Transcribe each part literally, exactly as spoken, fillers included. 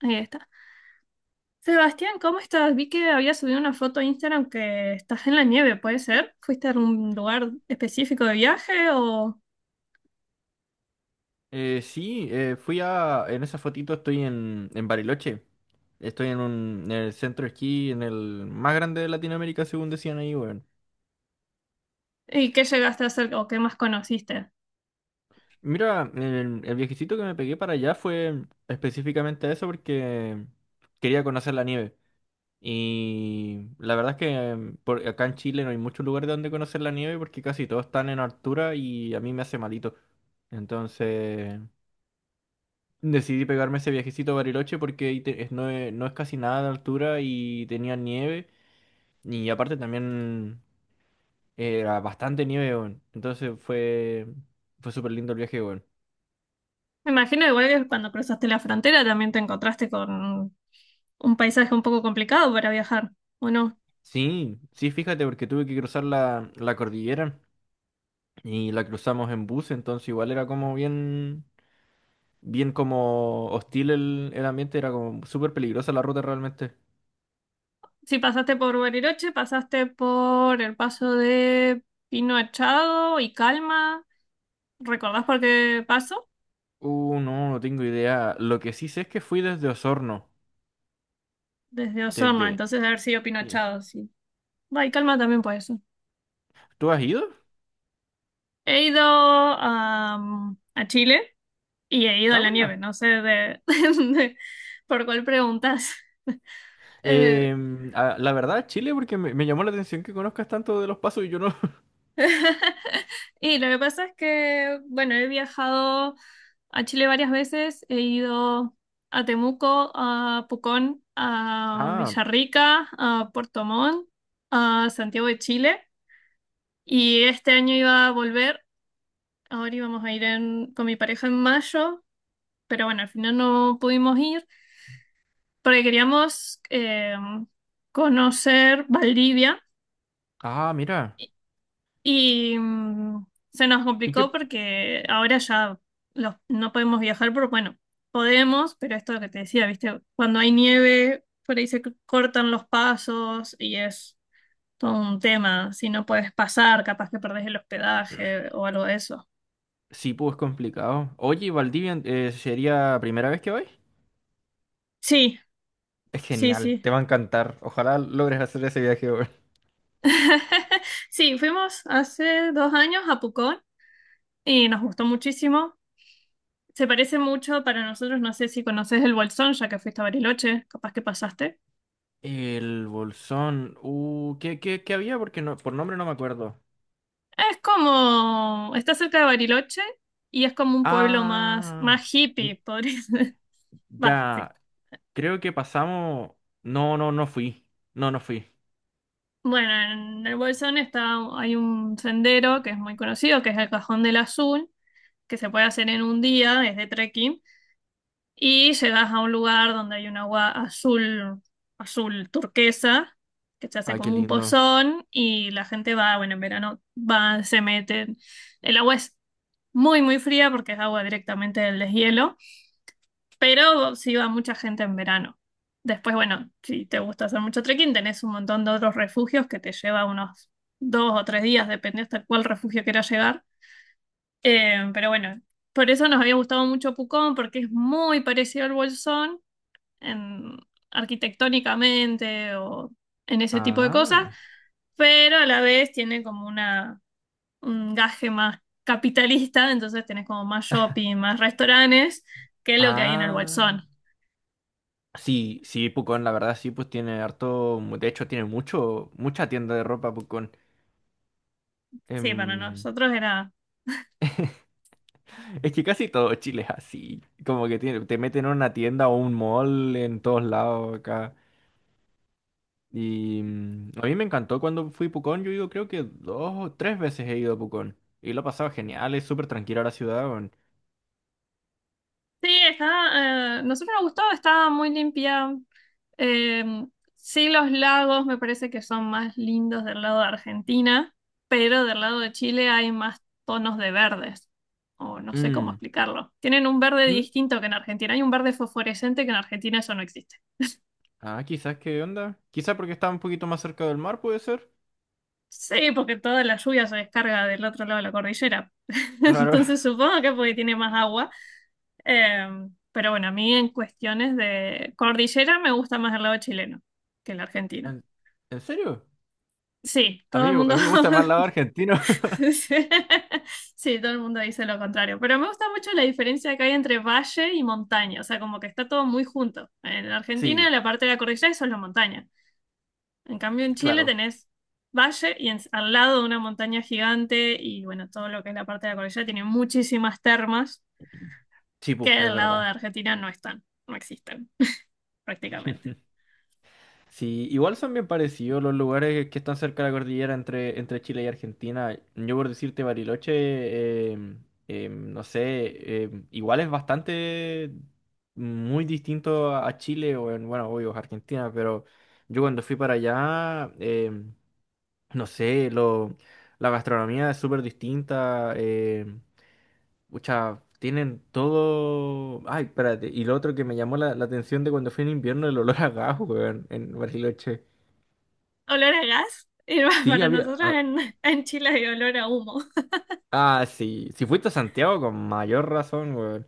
Ahí está. Sebastián, ¿cómo estás? Vi que habías subido una foto a Instagram que estás en la nieve, ¿puede ser? ¿Fuiste a un lugar específico de viaje o Eh, sí, eh, fui a... En esa fotito estoy en, en Bariloche. Estoy en, un, en el centro de esquí, en el más grande de Latinoamérica, según decían ahí, weón. y qué llegaste a hacer o qué más conociste? Mira, el, el viajecito que me pegué para allá fue específicamente a eso porque quería conocer la nieve. Y la verdad es que por, acá en Chile no hay muchos lugares donde conocer la nieve porque casi todos están en altura y a mí me hace malito. Entonces... Decidí pegarme ese viajecito a Bariloche porque ahí te- es- no, es, no es casi nada de altura y tenía nieve. Y aparte también era bastante nieve, weón. Entonces fue, fue súper lindo el viaje, weón. Me imagino igual que cuando cruzaste la frontera también te encontraste con un paisaje un poco complicado para viajar, ¿o no? Sí, sí, fíjate, porque tuve que cruzar la, la cordillera y la cruzamos en bus, entonces igual era como bien, bien como hostil el, el ambiente, era como súper peligrosa la ruta realmente. Si pasaste por Bariloche, pasaste por el paso de Pino Achado y Calma. ¿Recordás por qué paso? Uh, no, no tengo idea. Lo que sí sé es que fui desde Osorno, Desde Osorno, desde... entonces de haber sido Pino sí. Achado, sí. Va, y Calma también puede ser. ¿Tú has ido? He ido am, a Chile y he ido a Ah, la bueno. nieve, no sé de, de- por cuál preguntas. Eh, Eh, ah, la verdad, Chile, porque me, me llamó la atención que conozcas tanto de los pasos y yo no. y lo que pasa es que, bueno, he viajado a Chile varias veces, he ido a Temuco, a Pucón, a Ah, Villarrica, a Puerto Montt, a Santiago de Chile y este año iba a volver, ahora íbamos a ir en- con mi pareja en mayo, pero bueno, al final no pudimos ir. Porque queríamos eh, conocer Valdivia ah, mira. y mm, se nos Y que complicó porque ahora ya los- no podemos viajar, pero bueno, podemos, pero esto es lo que te decía, ¿viste? Cuando hay nieve, por ahí se c- cortan los pasos y es todo un tema, si no puedes pasar, capaz que perdés el hospedaje o algo de eso. sí, pues es complicado. Oye, Valdivia, eh, ¿sería primera vez que vais? Sí, Es sí, genial, sí. te va a encantar. Ojalá logres hacer ese viaje, weón. Sí, fuimos hace dos años a Pucón y nos gustó muchísimo. Se parece mucho para nosotros, no sé si conoces el Bolsón, ya que fuiste a Bariloche, capaz que pasaste. El Bolsón. Uh, ¿qué, qué, qué había? Porque no, por nombre no me acuerdo. Es como, está cerca de Bariloche y es como un pueblo más, Ah, más hippie, n- podría ser. Va, sí. ya. Creo que pasamos. No, no, no fui. No, no fui. Bueno, en el Bolsón está, hay un sendero que es muy conocido, que es el Cajón del Azul, que se puede hacer en un día, es de trekking. Y llegas a un lugar donde hay un agua azul, azul turquesa, que se hace Ay, qué como un lindo. pozón y la gente va, bueno, en verano va, se meten. El agua es muy, muy fría porque es agua directamente del deshielo, pero sí va mucha gente en verano. Después, bueno, si te gusta hacer mucho trekking, tenés un montón de otros refugios que te lleva unos dos o tres días, depende hasta cuál refugio quieras llegar. Eh, pero bueno, por eso nos había gustado mucho Pucón porque es muy parecido al Bolsón en- arquitectónicamente o en ese tipo de cosas, Ah. pero a la vez tiene como una, un gaje más capitalista, entonces tenés como más shopping, más restaurantes que lo que hay en el Ah. Bolsón. Sí, sí, Pucón, la verdad sí, pues tiene harto, de hecho tiene mucho, mucha tienda de ropa Pucón. Sí, para Em, nosotros era. es que casi todo Chile es así, como que tiene, te meten en una tienda o un mall en todos lados acá. Y mm, a mí me encantó cuando fui a Pucón, yo digo, creo que dos o tres veces he ido a Pucón. Y lo he pasado genial, es súper tranquila la ciudad, weón. Sí, está, eh, nosotros nos gustó, estaba muy limpia. Em, sí, los lagos me parece que son más lindos del lado de Argentina, pero del lado de Chile hay más tonos de verdes, o no sé cómo Mm, explicarlo. Tienen un verde mm, distinto que en Argentina, hay un verde fosforescente que en Argentina eso no existe. Ah, quizás, ¿qué onda? Quizás porque está un poquito más cerca del mar, puede ser. Sí, porque toda la lluvia se descarga del otro lado de la cordillera. Claro. Entonces supongo que porque tiene más agua. Em, pero bueno, a mí en cuestiones de cordillera me gusta más el lado chileno que el argentino. ¿En, ¿En serio? Sí, A todo mí, el a mundo. mí me gusta más el lado argentino. Sí, todo el mundo dice lo contrario, pero me gusta mucho la diferencia que hay entre valle y montaña, o sea, como que está todo muy junto. En Argentina, Sí, la parte de la cordillera es solo montaña. En cambio, en Chile claro. tenés valle y en- al lado de una montaña gigante y bueno, todo lo que es la parte de la cordillera tiene muchísimas termas Sí, que pu, es del lado de verdad. Argentina no están, no existen prácticamente. Sí, igual son bien parecidos los lugares que están cerca de la cordillera entre, entre Chile y Argentina. Yo por decirte Bariloche, em, em, no sé, em, igual es bastante muy distinto a a Chile o en, bueno, obvio, es Argentina, pero yo cuando fui para allá, em, no sé, lo, la gastronomía es súper distinta. em, Pucha, tienen todo. Ay, espérate. Y lo otro que me llamó la, la atención de cuando fui en invierno, el olor a gas, weón, en Bariloche. Olor a gas, y Sí, para había. nosotros Ah, en, en, Chile hay olor a humo. ah, sí. Si fuiste a Santiago, con mayor razón, weón.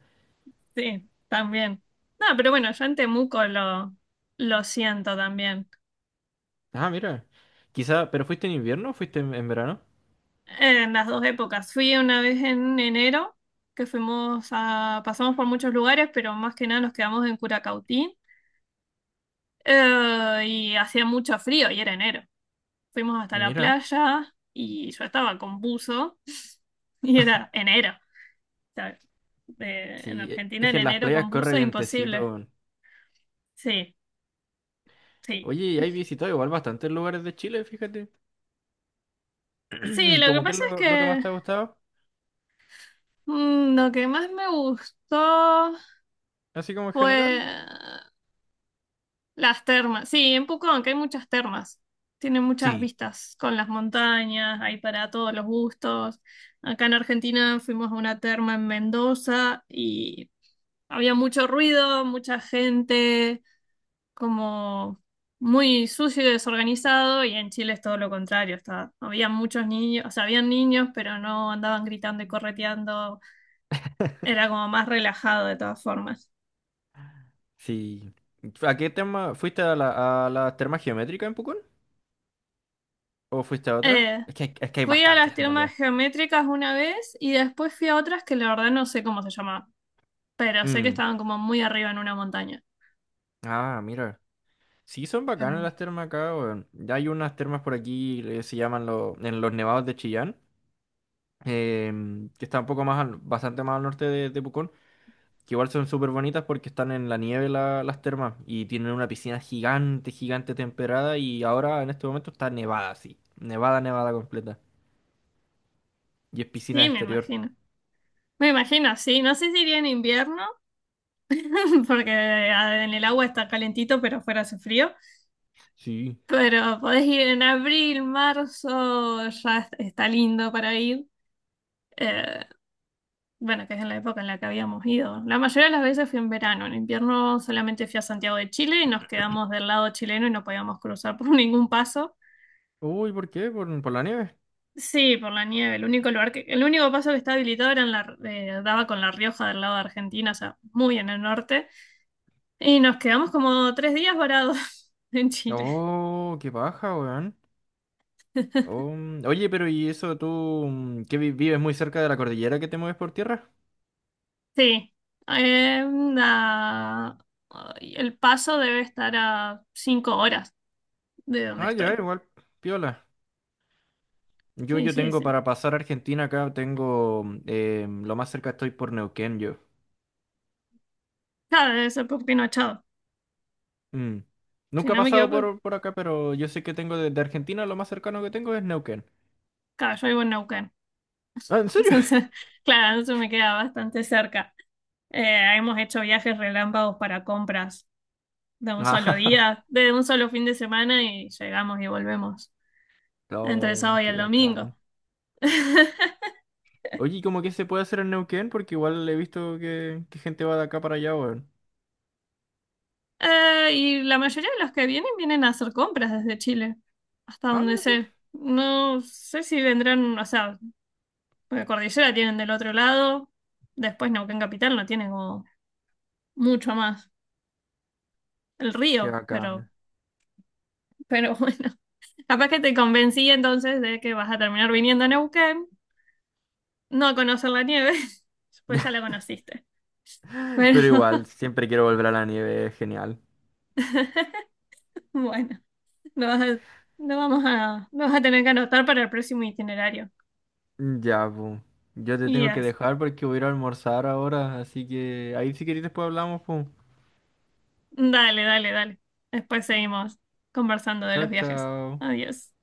Sí, también. No, pero bueno, yo en Temuco lo, lo siento también. Ah, mira. Quizá, ¿pero fuiste en invierno o fuiste en, en verano? En las dos épocas. Fui una vez en enero, que fuimos a, pasamos por muchos lugares, pero más que nada nos quedamos en Curacautín. Eh, y hacía mucho frío y era enero. Fuimos hasta la Mira. playa y yo estaba con buzo y era enero. O sea, de- en Sí, e- Argentina es que en en las enero playas con corre buzo es vientecito, imposible. weón. Sí, sí. Oye, y hay visitado igual bastantes lugares de Chile, fíjate. Sí, lo que ¿Cómo que es pasa es lo, lo que más que te ha gustado? Mm, lo que más me gustó Así como en fue general. las termas. Sí, en Pucón, aunque hay muchas termas. Tiene muchas Sí. vistas con las montañas, hay para todos los gustos. Acá en Argentina fuimos a una terma en Mendoza y había mucho ruido, mucha gente, como muy sucio y desorganizado. Y en Chile es todo lo contrario. Está, había muchos niños, o sea, habían niños, pero no andaban gritando y correteando. Era como más relajado de todas formas. Sí. ¿A qué tema? ¿Fuiste a la, a la terma geométrica en Pucón? ¿O fuiste a otra? Eh, Es que hay, es que hay Fui a las bastantes en termas realidad. geométricas una vez y después fui a otras que la verdad no sé cómo se llamaban, pero sé que Mm. estaban como muy arriba en una montaña. Ah, mira. Sí, son Pero bacanas no. las termas acá, weón. Ya hay unas termas por aquí, que se llaman lo- en los nevados de Chillán, em, que está un poco más, al- bastante más al norte de, de Pucón, que igual son súper bonitas porque están en la nieve la- las termas y tienen una piscina gigante, gigante temperada y ahora en este momento está nevada, sí. Nevada, nevada completa. Y es piscina Sí, de me exterior. imagino. Me imagino, sí. No sé si iría en invierno, porque ah, en el agua está calentito, pero fuera hace frío. Sí. Pero podés ir en abril, marzo, ya es- está lindo para ir. Eh, bueno, que es en la época en la que habíamos ido. La mayoría de las veces fui en verano, en invierno solamente fui a Santiago de Chile y nos quedamos del lado chileno y no podíamos cruzar por ningún paso. Uy, ¿por qué? ¿Por, ¿por la nieve? Sí, por la nieve. El único lugar que, el único paso que estaba habilitado era en la, eh, daba con La Rioja del lado de Argentina, o sea, muy en el norte. Y nos quedamos como tres días varados en Chile. Oh, qué paja, weón. Oh, mm, oye, pero ¿y eso tú mm, que vi- vives muy cerca de la cordillera que te mueves por tierra? Sí. Eh, la- Ay, el paso debe estar a cinco horas de donde Ah, ya, estoy. igual, piola. Yo, Sí, yo sí, tengo sí. para pasar a Argentina acá, tengo mm, eh, lo más cerca estoy por Neuquén, yo. Claro, debe ser por Pinochado. Mm. Si Nunca he no me pasado equivoco, por, por acá, pero yo sé que tengo desde Argentina, lo más cercano que tengo es Neuquén. claro, yo vivo en Neuquén. Ah, ¿en serio? Entonces, claro, eso me queda bastante cerca. Eh, hemos hecho viajes relámpagos para compras de un solo Ah, día, de un solo fin de semana y llegamos y volvemos entre el no, sábado y el qué bacán. domingo. Oye, ¿y cómo que se puede hacer en Neuquén? Porque igual he visto que, que gente va de acá para allá, weón. Eh, y la mayoría de los que vienen vienen a hacer compras desde Chile, hasta Ah, donde mira tú. sé. No sé si vendrán, o sea, porque Cordillera tienen del otro lado, después Neuquén Capital no tiene como mucho más. El Qué río, pero, bacana. pero bueno. Capaz que te convencí entonces de que vas a terminar viniendo a Neuquén, no a conocer la nieve, pues ya la conociste. Pero Pero igual, siempre quiero volver a la nieve, es genial. bueno, lo vas a- lo vamos a, lo vas a tener que anotar para el próximo itinerario. Ya, pues. Yo te tengo que Yes. dejar porque voy a ir a almorzar ahora, así que ahí si querés después hablamos, pues. Dale, dale, dale. Después seguimos conversando de Chao, los viajes. chao. Adiós.